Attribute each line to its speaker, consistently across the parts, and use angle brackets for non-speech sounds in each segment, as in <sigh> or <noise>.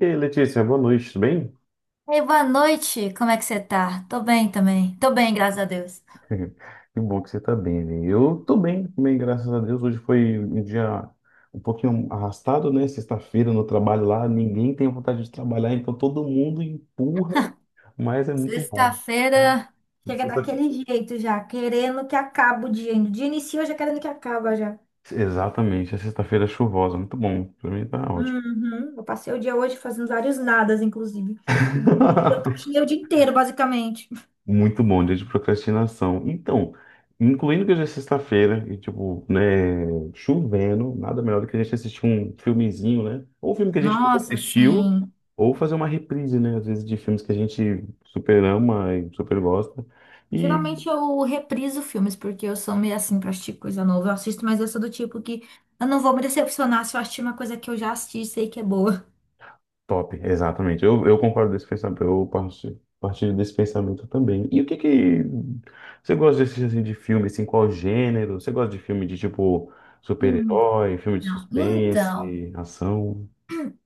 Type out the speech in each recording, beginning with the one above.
Speaker 1: E aí, Letícia, boa noite, tudo bem?
Speaker 2: Ei, boa noite. Como é que você tá? Tô bem também. Tô bem, graças a Deus.
Speaker 1: <laughs> Que bom que você está bem, né? Eu estou bem bem, graças a Deus. Hoje foi um dia um pouquinho arrastado, né? Sexta-feira no trabalho lá, ninguém tem vontade de trabalhar, então todo mundo empurra, mas é muito bom.
Speaker 2: Sexta-feira chega
Speaker 1: Sexta-
Speaker 2: daquele jeito já, querendo que acabe o dia. O dia iniciou já querendo que acaba já.
Speaker 1: Exatamente, a sexta-feira é chuvosa, muito bom. Para mim tá ótimo.
Speaker 2: Uhum. Eu passei o dia hoje fazendo vários nadas, inclusive. Eu
Speaker 1: <laughs>
Speaker 2: procrastinei o dia inteiro, basicamente.
Speaker 1: Muito bom, dia de procrastinação. Então, incluindo que hoje é sexta-feira e, tipo, né, chovendo, nada melhor do que a gente assistir um filmezinho, né? Ou um filme que a gente nunca
Speaker 2: Nossa,
Speaker 1: assistiu,
Speaker 2: assim.
Speaker 1: ou fazer uma reprise, né? Às vezes de filmes que a gente super ama e super gosta. E
Speaker 2: Geralmente eu repriso filmes, porque eu sou meio assim pra assistir coisa nova. Eu assisto, mas eu sou do tipo que eu não vou me decepcionar se eu assistir uma coisa que eu já assisti e sei que é boa.
Speaker 1: top, exatamente. Eu concordo desse pensamento, eu partilho desse pensamento também. E o que que você gosta de assistir, assim, de filme, assim, qual gênero? Você gosta de filme de, tipo,
Speaker 2: Hum,
Speaker 1: super-herói, filme de
Speaker 2: não. Então.
Speaker 1: suspense, ação?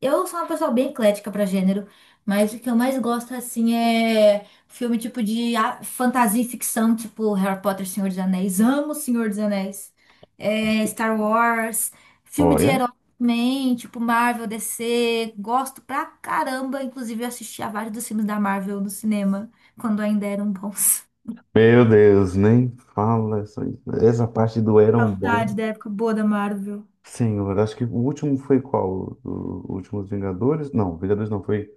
Speaker 2: Eu sou uma pessoa bem eclética pra gênero, mas o que eu mais gosto, assim, é filme tipo fantasia e ficção, tipo Harry Potter, Senhor dos Anéis. Amo Senhor dos Anéis. É, Star Wars, filme de
Speaker 1: Olha.
Speaker 2: herói também, tipo Marvel, DC. Gosto pra caramba. Inclusive, eu assisti a vários dos filmes da Marvel no cinema, quando ainda eram bons.
Speaker 1: Meu Deus, nem fala essa parte do
Speaker 2: <laughs>
Speaker 1: eram
Speaker 2: Saudade
Speaker 1: bom.
Speaker 2: da época boa da Marvel.
Speaker 1: Senhor, acho que o último foi qual? O, Últimos Vingadores? Não, Vingadores não foi.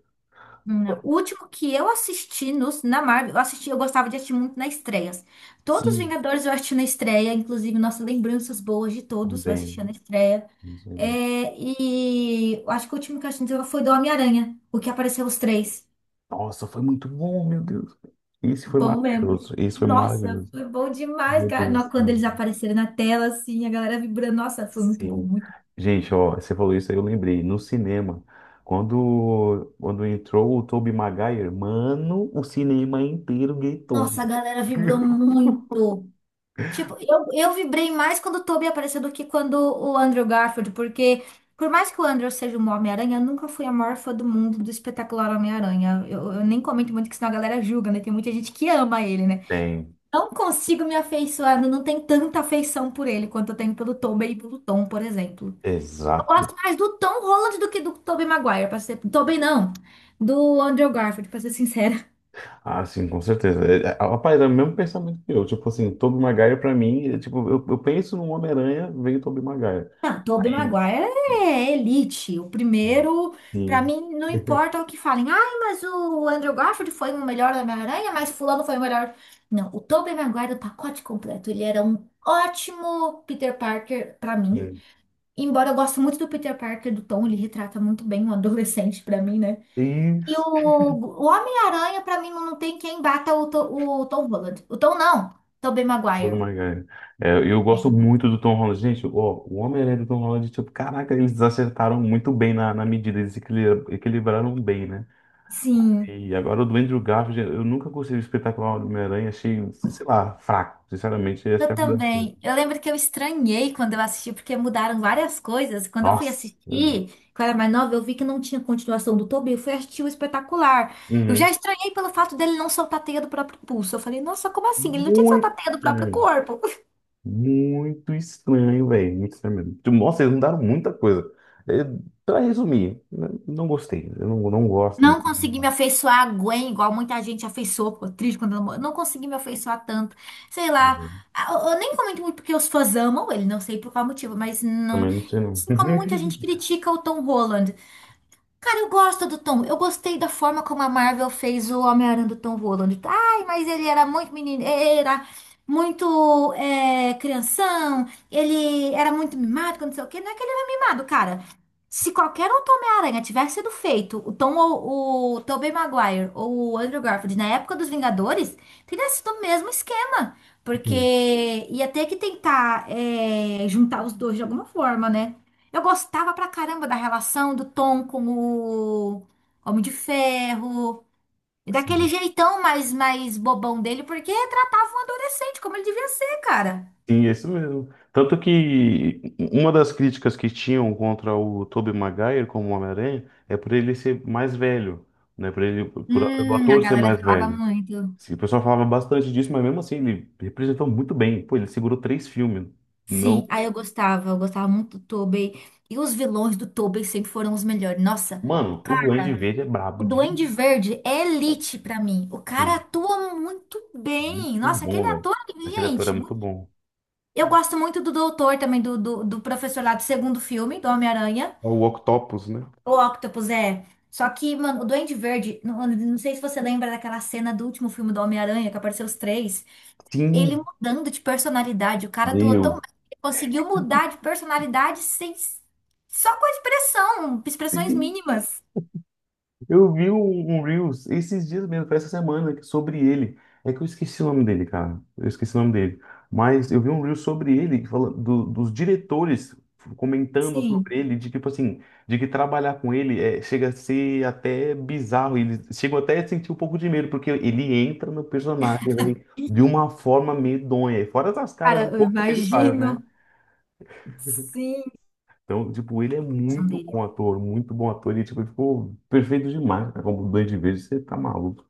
Speaker 2: Não. O último que eu assisti nos na Marvel, eu assisti, eu gostava de assistir muito nas estreias. Todos os
Speaker 1: Sim,
Speaker 2: Vingadores eu assisti na estreia, inclusive, nossa, lembranças boas de todos, eu
Speaker 1: também.
Speaker 2: assistia na estreia. É, e eu acho que o último que eu assisti foi do Homem-Aranha, o que apareceu os três.
Speaker 1: Nossa, foi muito bom, meu Deus. Isso foi
Speaker 2: Bom mesmo.
Speaker 1: maravilhoso. Isso foi
Speaker 2: Nossa,
Speaker 1: maravilhoso.
Speaker 2: foi bom demais,
Speaker 1: Meu
Speaker 2: cara.
Speaker 1: Deus
Speaker 2: Não.
Speaker 1: do
Speaker 2: Quando eles
Speaker 1: céu.
Speaker 2: apareceram na tela, assim, a galera vibrando. Nossa, foi muito bom,
Speaker 1: Sim.
Speaker 2: muito.
Speaker 1: Gente, ó, você falou isso aí, eu lembrei. No cinema, quando entrou o Tobey Maguire, mano, o cinema inteiro gritou.
Speaker 2: Nossa, a galera vibrou
Speaker 1: <laughs>
Speaker 2: muito. Tipo, eu vibrei mais quando o Tobey apareceu do que quando o Andrew Garfield, porque por mais que o Andrew seja um Homem-Aranha, eu nunca fui a maior fã do mundo do espetacular Homem-Aranha. Eu nem comento muito, que senão a galera julga, né? Tem muita gente que ama ele, né?
Speaker 1: Tem.
Speaker 2: Não consigo me afeiçoar, não tenho tanta afeição por ele quanto eu tenho pelo Tobey e pelo Tom, por exemplo. Eu
Speaker 1: Exato.
Speaker 2: gosto mais do Tom Holland do que do Tobey Maguire, pra ser... Tobey não, do Andrew Garfield, pra ser sincera.
Speaker 1: Ah, sim, com certeza. Rapaz, é o mesmo pensamento que eu. Tipo assim, Tobey Maguire pra mim, é, tipo, eu penso no Homem-Aranha, vem Tobey Maguire.
Speaker 2: Não, Tobey
Speaker 1: Aí,
Speaker 2: Maguire é elite. O primeiro, pra
Speaker 1: sim,
Speaker 2: mim, não importa o que falem. Ai, mas o Andrew Garfield foi o melhor da Homem-Aranha, mas fulano foi o melhor. Não, o Tobey Maguire é o pacote completo. Ele era um ótimo Peter Parker pra
Speaker 1: <laughs>
Speaker 2: mim.
Speaker 1: sim.
Speaker 2: Embora eu goste muito do Peter Parker, do Tom, ele retrata muito bem um adolescente pra mim, né? E
Speaker 1: Isso.
Speaker 2: o Homem-Aranha, pra mim, não tem quem bata o Tom Holland. O Tom não, Tobey
Speaker 1: Tobey
Speaker 2: Maguire.
Speaker 1: Maguire. É, eu gosto
Speaker 2: É.
Speaker 1: muito do Tom Holland. Gente, ó, o Homem-Aranha do Tom Holland, tipo, caraca, eles acertaram muito bem na medida, eles equilibraram bem, né?
Speaker 2: Sim.
Speaker 1: E agora o do Andrew Garfield, eu nunca gostei do espetacular do Homem-Aranha, achei, sei lá, fraco, sinceramente, essa é
Speaker 2: Eu
Speaker 1: a verdade.
Speaker 2: também. Eu lembro que eu estranhei quando eu assisti, porque mudaram várias coisas. Quando eu fui
Speaker 1: Nossa, meu Deus.
Speaker 2: assistir, que eu era mais nova, eu vi que não tinha continuação do Toby. Eu fui assistir o Espetacular. Eu
Speaker 1: Uhum.
Speaker 2: já estranhei pelo fato dele não soltar a teia do próprio pulso. Eu falei, nossa, como assim? Ele não tinha que soltar
Speaker 1: Muito
Speaker 2: a teia do próprio
Speaker 1: estranho.
Speaker 2: corpo. <laughs>
Speaker 1: Muito estranho, velho. Muito estranho mesmo. Tipo, Nossa, eles mudaram muita coisa. É, pra resumir, não gostei. Eu não, não gosto.
Speaker 2: Não consegui me afeiçoar a Gwen, igual muita gente afeiçoou, ficou triste quando ela morreu. Não consegui me afeiçoar tanto. Sei lá.
Speaker 1: <laughs>
Speaker 2: Ah, eu nem comento muito porque os fãs amam ele, não sei por qual motivo, mas não.
Speaker 1: Também não sei, não.
Speaker 2: Assim como muita gente
Speaker 1: <laughs>
Speaker 2: critica o Tom Holland. Cara, eu gosto do Tom. Eu gostei da forma como a Marvel fez o Homem-Aranha do Tom Holland. Ai, mas ele era muito menino, era crianção, ele era muito mimado, que não sei o quê. Não é que ele era mimado, cara. Se qualquer outro Homem-Aranha tivesse sido feito, o Tobey Maguire ou o Andrew Garfield na época dos Vingadores, teria sido o mesmo esquema.
Speaker 1: Sim,
Speaker 2: Porque ia ter que tentar juntar os dois de alguma forma, né? Eu gostava pra caramba da relação do Tom com o Homem de Ferro. E daquele
Speaker 1: sim.
Speaker 2: jeitão mais bobão dele, porque tratava um adolescente como ele devia ser, cara.
Speaker 1: Sim, é isso mesmo. Tanto que uma das críticas que tinham contra o Tobey Maguire como Homem-Aranha é por ele ser mais velho, né? Pelo
Speaker 2: A
Speaker 1: ator ser
Speaker 2: galera
Speaker 1: mais
Speaker 2: falava
Speaker 1: velho.
Speaker 2: muito.
Speaker 1: Sim, o pessoal falava bastante disso, mas mesmo assim ele representou muito bem. Pô, ele segurou três filmes. Não,
Speaker 2: Sim, aí eu gostava muito do Tobey. E os vilões do Tobey sempre foram os melhores. Nossa,
Speaker 1: mano, o Duende
Speaker 2: cara,
Speaker 1: Verde é brabo
Speaker 2: o
Speaker 1: de
Speaker 2: Duende Verde é elite pra mim. O cara atua muito bem.
Speaker 1: muito
Speaker 2: Nossa, aquele
Speaker 1: bom, velho.
Speaker 2: ator,
Speaker 1: Aquele ator é
Speaker 2: gente,
Speaker 1: muito bom.
Speaker 2: eu gosto muito do Doutor também, do professor lá do segundo filme, do Homem-Aranha.
Speaker 1: É o Octopus, né?
Speaker 2: O Octopus é. Só que, mano, o Duende Verde, não, não sei se você lembra daquela cena do último filme do Homem-Aranha, que apareceu os três. Ele
Speaker 1: Sim,
Speaker 2: mudando de personalidade. O cara atuou tão bem.
Speaker 1: meu.
Speaker 2: Ele conseguiu mudar de personalidade sem. Só com expressões mínimas.
Speaker 1: Eu vi um Reels esses dias mesmo, foi essa semana, sobre ele. É que eu esqueci o nome dele, cara. Eu esqueci o nome dele. Mas eu vi um Reels sobre ele, que fala dos diretores comentando
Speaker 2: Sim.
Speaker 1: sobre ele, de tipo assim, de que trabalhar com ele é, chega a ser até bizarro. Eles chegam até a sentir um pouco de medo, porque ele entra no personagem, velho, de uma forma medonha. E fora das caras e
Speaker 2: Cara, eu
Speaker 1: bocas que ele faz, né?
Speaker 2: imagino. Sim. A
Speaker 1: Então, tipo, ele é
Speaker 2: expressão
Speaker 1: muito
Speaker 2: dele.
Speaker 1: bom ator, muito bom ator. E, tipo, ele ficou perfeito demais, cara. Como dois de vez, você tá maluco.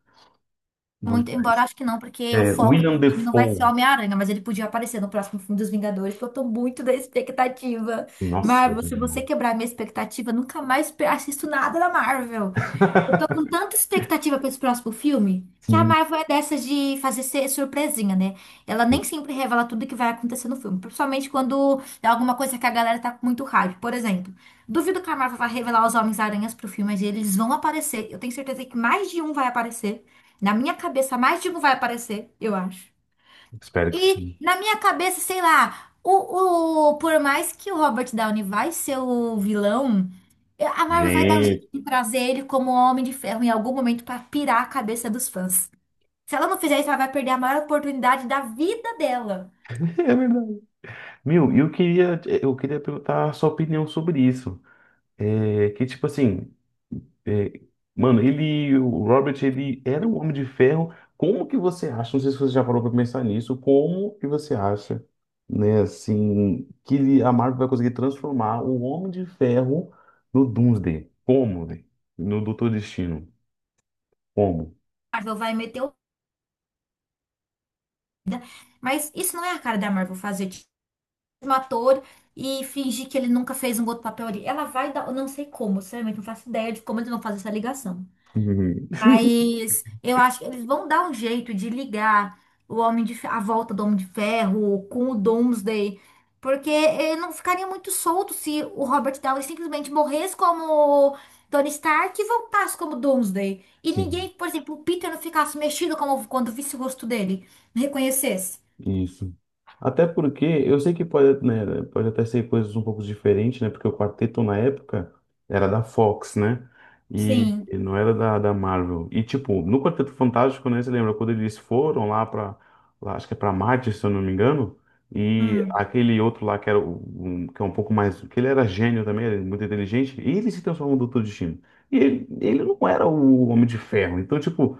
Speaker 1: Bom
Speaker 2: Muito, embora
Speaker 1: demais.
Speaker 2: acho que não, porque o
Speaker 1: É,
Speaker 2: foco do
Speaker 1: William
Speaker 2: filme não vai ser
Speaker 1: Defoe.
Speaker 2: Homem-Aranha, mas ele podia aparecer no próximo filme dos Vingadores, porque eu tô muito da expectativa.
Speaker 1: Nossa, é
Speaker 2: Marvel,
Speaker 1: bom
Speaker 2: se você
Speaker 1: demais.
Speaker 2: quebrar a minha expectativa, nunca mais assisto nada da Marvel. Eu tô
Speaker 1: <laughs>
Speaker 2: com tanta expectativa pra esse próximo filme que a
Speaker 1: Sim,
Speaker 2: Marvel é dessas de fazer ser surpresinha, né? Ela nem sempre revela tudo que vai acontecer no filme, principalmente quando é alguma coisa que a galera tá com muito hype. Por exemplo, duvido que a Marvel vai revelar os Homens-Aranhas pro filme, mas eles vão aparecer. Eu tenho certeza que mais de um vai aparecer. Na minha cabeça, mais de um vai aparecer, eu acho.
Speaker 1: espero que
Speaker 2: E
Speaker 1: sim.
Speaker 2: na minha cabeça, sei lá, por mais que o Robert Downey vai ser o vilão, a Marvel vai dar um jeito
Speaker 1: Gente,
Speaker 2: de trazer ele como Homem de Ferro em algum momento pra pirar a cabeça dos fãs. Se ela não fizer isso, ela vai perder a maior oportunidade da vida dela.
Speaker 1: <laughs> é verdade. Meu, eu queria perguntar a sua opinião sobre isso. É, que tipo assim, é, mano, ele, o Robert, ele era um homem de ferro. Como que você acha? Não sei se você já parou pra pensar nisso. Como que você acha, né, assim, a Marvel vai conseguir transformar o Homem de Ferro no Doomsday? Como, velho? No Doutor Destino? Como?
Speaker 2: A Marvel vai meter o... Mas isso não é a cara da Marvel fazer tipo, um ator e fingir que ele nunca fez um outro papel ali. Ela vai dar, eu não sei como, sinceramente, não faço ideia de como eles vão fazer essa ligação.
Speaker 1: <laughs> Uhum.
Speaker 2: Mas eu acho que eles vão dar um jeito de ligar o a volta do Homem de Ferro com o Doomsday, porque ele não ficaria muito solto se o Robert Downey simplesmente morresse como Tony Stark e voltasse como Doomsday. E
Speaker 1: Sim,
Speaker 2: ninguém, por exemplo, o Peter não ficasse mexido como quando visse o rosto dele, não reconhecesse.
Speaker 1: isso. Até porque eu sei que pode, né, pode até ser coisas um pouco diferentes, né? Porque o quarteto na época era da Fox, né? E
Speaker 2: Sim.
Speaker 1: e não era da Marvel. E tipo, no Quarteto Fantástico, né? Você lembra quando eles foram lá para, lá, acho que é para Marte, se eu não me engano, e
Speaker 2: Hum,
Speaker 1: aquele outro lá que era um, que é um pouco mais, que ele era gênio também, era muito inteligente, e ele se transformou no Doutor Destino. E ele não era o Homem de Ferro. Então, tipo,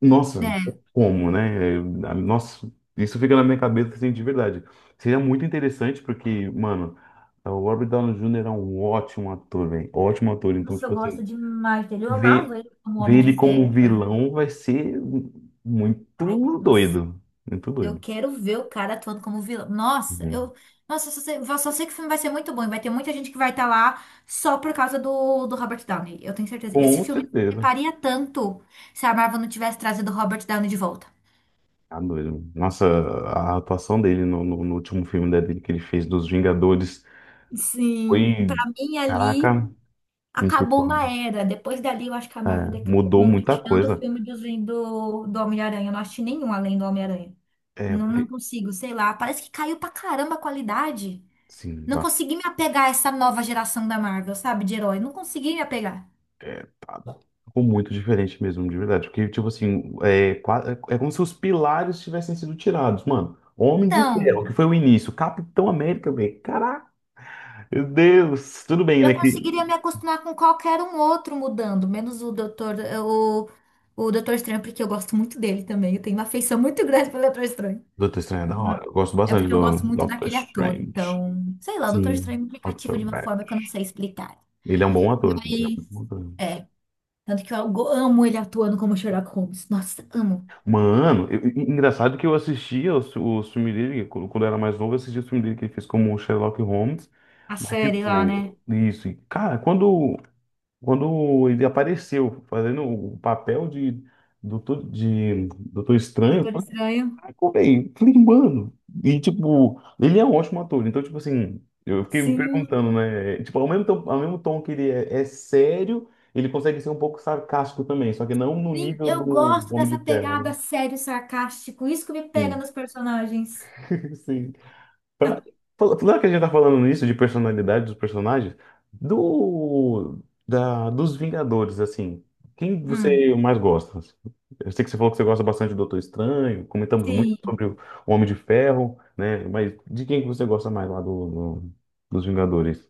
Speaker 1: Nossa,
Speaker 2: é.
Speaker 1: como, né? Nossa, isso fica na minha cabeça assim, de verdade. Seria muito interessante porque, mano, o Robert Downey Jr. é um ótimo ator, velho. Ótimo ator. Então,
Speaker 2: Nossa, eu
Speaker 1: tipo
Speaker 2: gosto
Speaker 1: assim,
Speaker 2: demais dele. Eu amava
Speaker 1: ver,
Speaker 2: ele como
Speaker 1: ver
Speaker 2: Homem de
Speaker 1: ele
Speaker 2: Ferro,
Speaker 1: como
Speaker 2: cara.
Speaker 1: vilão vai ser
Speaker 2: Ai,
Speaker 1: muito
Speaker 2: nossa.
Speaker 1: doido. Muito
Speaker 2: Eu
Speaker 1: doido.
Speaker 2: quero ver o cara atuando como vilão. Nossa,
Speaker 1: Uhum.
Speaker 2: eu, nossa, eu só sei que o filme vai ser muito bom. E vai ter muita gente que vai estar lá só por causa do Robert Downey. Eu tenho certeza. Esse
Speaker 1: Com
Speaker 2: filme não
Speaker 1: certeza.
Speaker 2: reparia tanto se a Marvel não tivesse trazido o Robert Downey de volta.
Speaker 1: Tá doido. Nossa, a atuação dele no último filme, né, dele que ele fez dos Vingadores
Speaker 2: Sim. Pra
Speaker 1: foi,
Speaker 2: mim,
Speaker 1: caraca,
Speaker 2: ali
Speaker 1: muito
Speaker 2: acabou
Speaker 1: top,
Speaker 2: uma
Speaker 1: né?
Speaker 2: era. Depois dali, eu acho que a Marvel decaiu
Speaker 1: Mudou
Speaker 2: muito,
Speaker 1: muita
Speaker 2: tirando o
Speaker 1: coisa.
Speaker 2: filme do Homem-Aranha. Eu não assisti nenhum além do Homem-Aranha.
Speaker 1: É,
Speaker 2: Não, não
Speaker 1: porque
Speaker 2: consigo, sei lá. Parece que caiu pra caramba a qualidade.
Speaker 1: Sim,
Speaker 2: Não consegui me apegar a essa nova geração da Marvel, sabe, de herói. Não consegui me apegar.
Speaker 1: é, ficou muito diferente mesmo, de verdade. Porque, tipo assim, é como se os pilares tivessem sido tirados, mano. Homem de
Speaker 2: Então,
Speaker 1: Ferro, que foi o início. Capitão América, velho. Caraca, meu Deus. Tudo bem,
Speaker 2: eu
Speaker 1: né? Que...
Speaker 2: conseguiria me acostumar com qualquer um outro mudando, menos o, o Doutor Estranho, porque eu gosto muito dele também. Eu tenho uma afeição muito grande pelo Doutor Estranho.
Speaker 1: Doutor Estranho é da hora. Eu gosto
Speaker 2: É
Speaker 1: bastante
Speaker 2: porque eu
Speaker 1: do
Speaker 2: gosto muito
Speaker 1: Doctor
Speaker 2: daquele ator.
Speaker 1: Strange.
Speaker 2: Então, sei lá, o Doutor
Speaker 1: Sim,
Speaker 2: Estranho me cativa
Speaker 1: Doctor
Speaker 2: de uma forma que eu não
Speaker 1: Strange.
Speaker 2: sei explicar.
Speaker 1: Ele é um bom ator.
Speaker 2: Aí, tanto que amo ele atuando como Sherlock Holmes. Nossa, amo.
Speaker 1: Mano, engraçado que eu assistia os o filme dele, quando eu era mais novo, eu assistia o filme dele que ele fez como o Sherlock Holmes.
Speaker 2: A
Speaker 1: Mas,
Speaker 2: série lá, né?
Speaker 1: tipo, isso. E, cara, quando ele apareceu fazendo o papel de Doutor Estranho, eu
Speaker 2: Doutor
Speaker 1: falei,
Speaker 2: Estranho.
Speaker 1: "Caraca, velho", falei, mano. E, tipo, ele é um ótimo ator. Então, tipo assim, eu fiquei me
Speaker 2: Sim.
Speaker 1: perguntando, né? Tipo, ao mesmo tom que ele é sério, ele consegue ser um pouco sarcástico também, só que não no
Speaker 2: Sim,
Speaker 1: nível
Speaker 2: eu
Speaker 1: do
Speaker 2: gosto
Speaker 1: Homem de
Speaker 2: dessa
Speaker 1: Ferro,
Speaker 2: pegada
Speaker 1: né?
Speaker 2: sério, sarcástico. Isso que me pega
Speaker 1: Sim.
Speaker 2: nos personagens.
Speaker 1: Sim. Pra- Falando que a gente tá falando nisso de personalidade dos personagens, do, dos Vingadores, assim, quem
Speaker 2: Hum.
Speaker 1: você mais gosta? Eu sei que você falou que você gosta bastante do Doutor Estranho, comentamos muito
Speaker 2: Sim.
Speaker 1: sobre o Homem de Ferro, né? Mas de quem que você gosta mais lá do- dos Vingadores,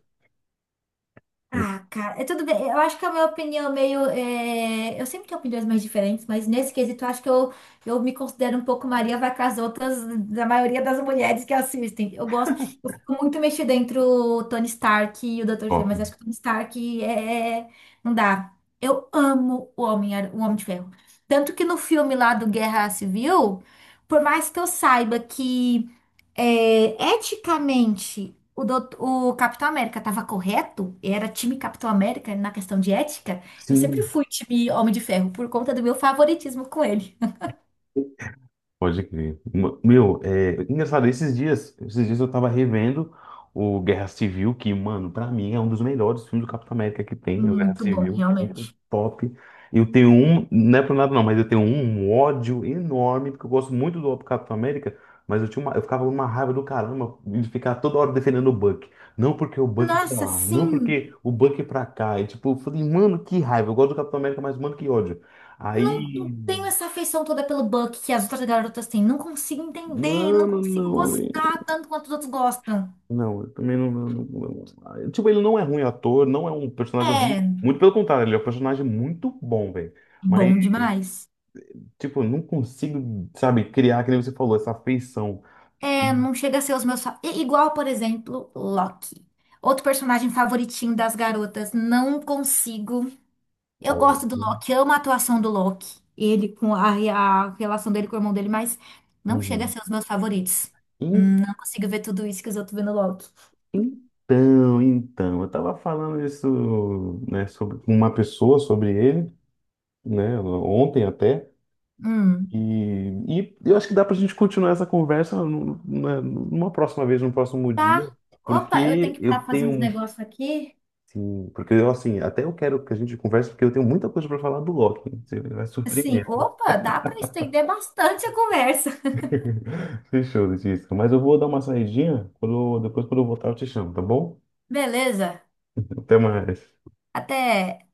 Speaker 1: do
Speaker 2: Ah, cara, é tudo bem. Eu acho que a minha opinião é eu sempre tenho opiniões mais diferentes, mas nesse quesito eu acho que eu me considero um pouco Maria vai com as outras, da maioria das mulheres que assistem. Eu fico muito mexida entre o Tony Stark e o Dr. Estranho,
Speaker 1: top?
Speaker 2: mas acho que o Tony Stark é. Não dá. Eu amo o Homem de Ferro. Tanto que no filme lá do Guerra Civil, por mais que eu saiba que. Eticamente, o Capitão América estava correto? Era time Capitão América na questão de ética? Eu sempre
Speaker 1: Sim,
Speaker 2: fui time Homem de Ferro por conta do meu favoritismo com ele.
Speaker 1: pode crer. Meu, é engraçado, esses dias eu tava revendo o Guerra Civil, que, mano, pra mim é um dos melhores filmes do Capitão América que tem, o Guerra
Speaker 2: Muito bom,
Speaker 1: Civil, muito
Speaker 2: realmente.
Speaker 1: top. Eu tenho um, não é por nada não, mas eu tenho um ódio enorme, porque eu gosto muito do Capitão América, mas eu tinha uma, eu ficava numa raiva do caramba de ficar toda hora defendendo o Buck. Não porque o Buck pra
Speaker 2: Nossa,
Speaker 1: lá, não
Speaker 2: sim.
Speaker 1: porque o Buck é pra cá. E tipo, eu falei, mano, que raiva, eu gosto do Capitão América, mas mano, que ódio. Aí,
Speaker 2: Não tenho essa afeição toda pelo Buck que as outras garotas têm. Não consigo entender, não
Speaker 1: mano,
Speaker 2: consigo
Speaker 1: não.
Speaker 2: gostar tanto quanto os outros gostam.
Speaker 1: Não, eu também não, tipo, ele não é ruim ator, não é um personagem ruim.
Speaker 2: É
Speaker 1: Muito pelo contrário, ele é um personagem muito bom, velho. Mas,
Speaker 2: bom demais.
Speaker 1: tipo, eu não consigo, sabe, criar, que nem você falou, essa afeição.
Speaker 2: É, não chega a ser os Igual, por exemplo, Loki. Outro personagem favoritinho das garotas. Não consigo. Eu
Speaker 1: Então,
Speaker 2: gosto do Loki, amo a atuação do Loki. A relação dele com o irmão dele, mas não chega a
Speaker 1: uhum.
Speaker 2: ser os meus favoritos.
Speaker 1: En-
Speaker 2: Não consigo ver tudo isso que os outros vê no Loki.
Speaker 1: então, eu tava falando isso, né, sobre com uma pessoa, sobre ele, né, ontem até.
Speaker 2: Hum,
Speaker 1: E eu acho que dá pra gente continuar essa conversa né, numa próxima vez, num próximo dia.
Speaker 2: tá. Opa, eu tenho
Speaker 1: Porque
Speaker 2: que parar
Speaker 1: eu
Speaker 2: pra fazer uns
Speaker 1: tenho
Speaker 2: negócios aqui.
Speaker 1: Sim, porque eu assim, até eu quero que a gente converse, porque eu tenho muita coisa para falar do Loki. Você vai
Speaker 2: Assim,
Speaker 1: surpreender.
Speaker 2: opa, dá pra estender bastante a conversa. <laughs>
Speaker 1: <laughs> Fechou, Letícia. Mas eu vou dar uma saidinha. Quando, depois, quando eu voltar, eu te chamo, tá bom?
Speaker 2: Beleza.
Speaker 1: Até mais.
Speaker 2: Até.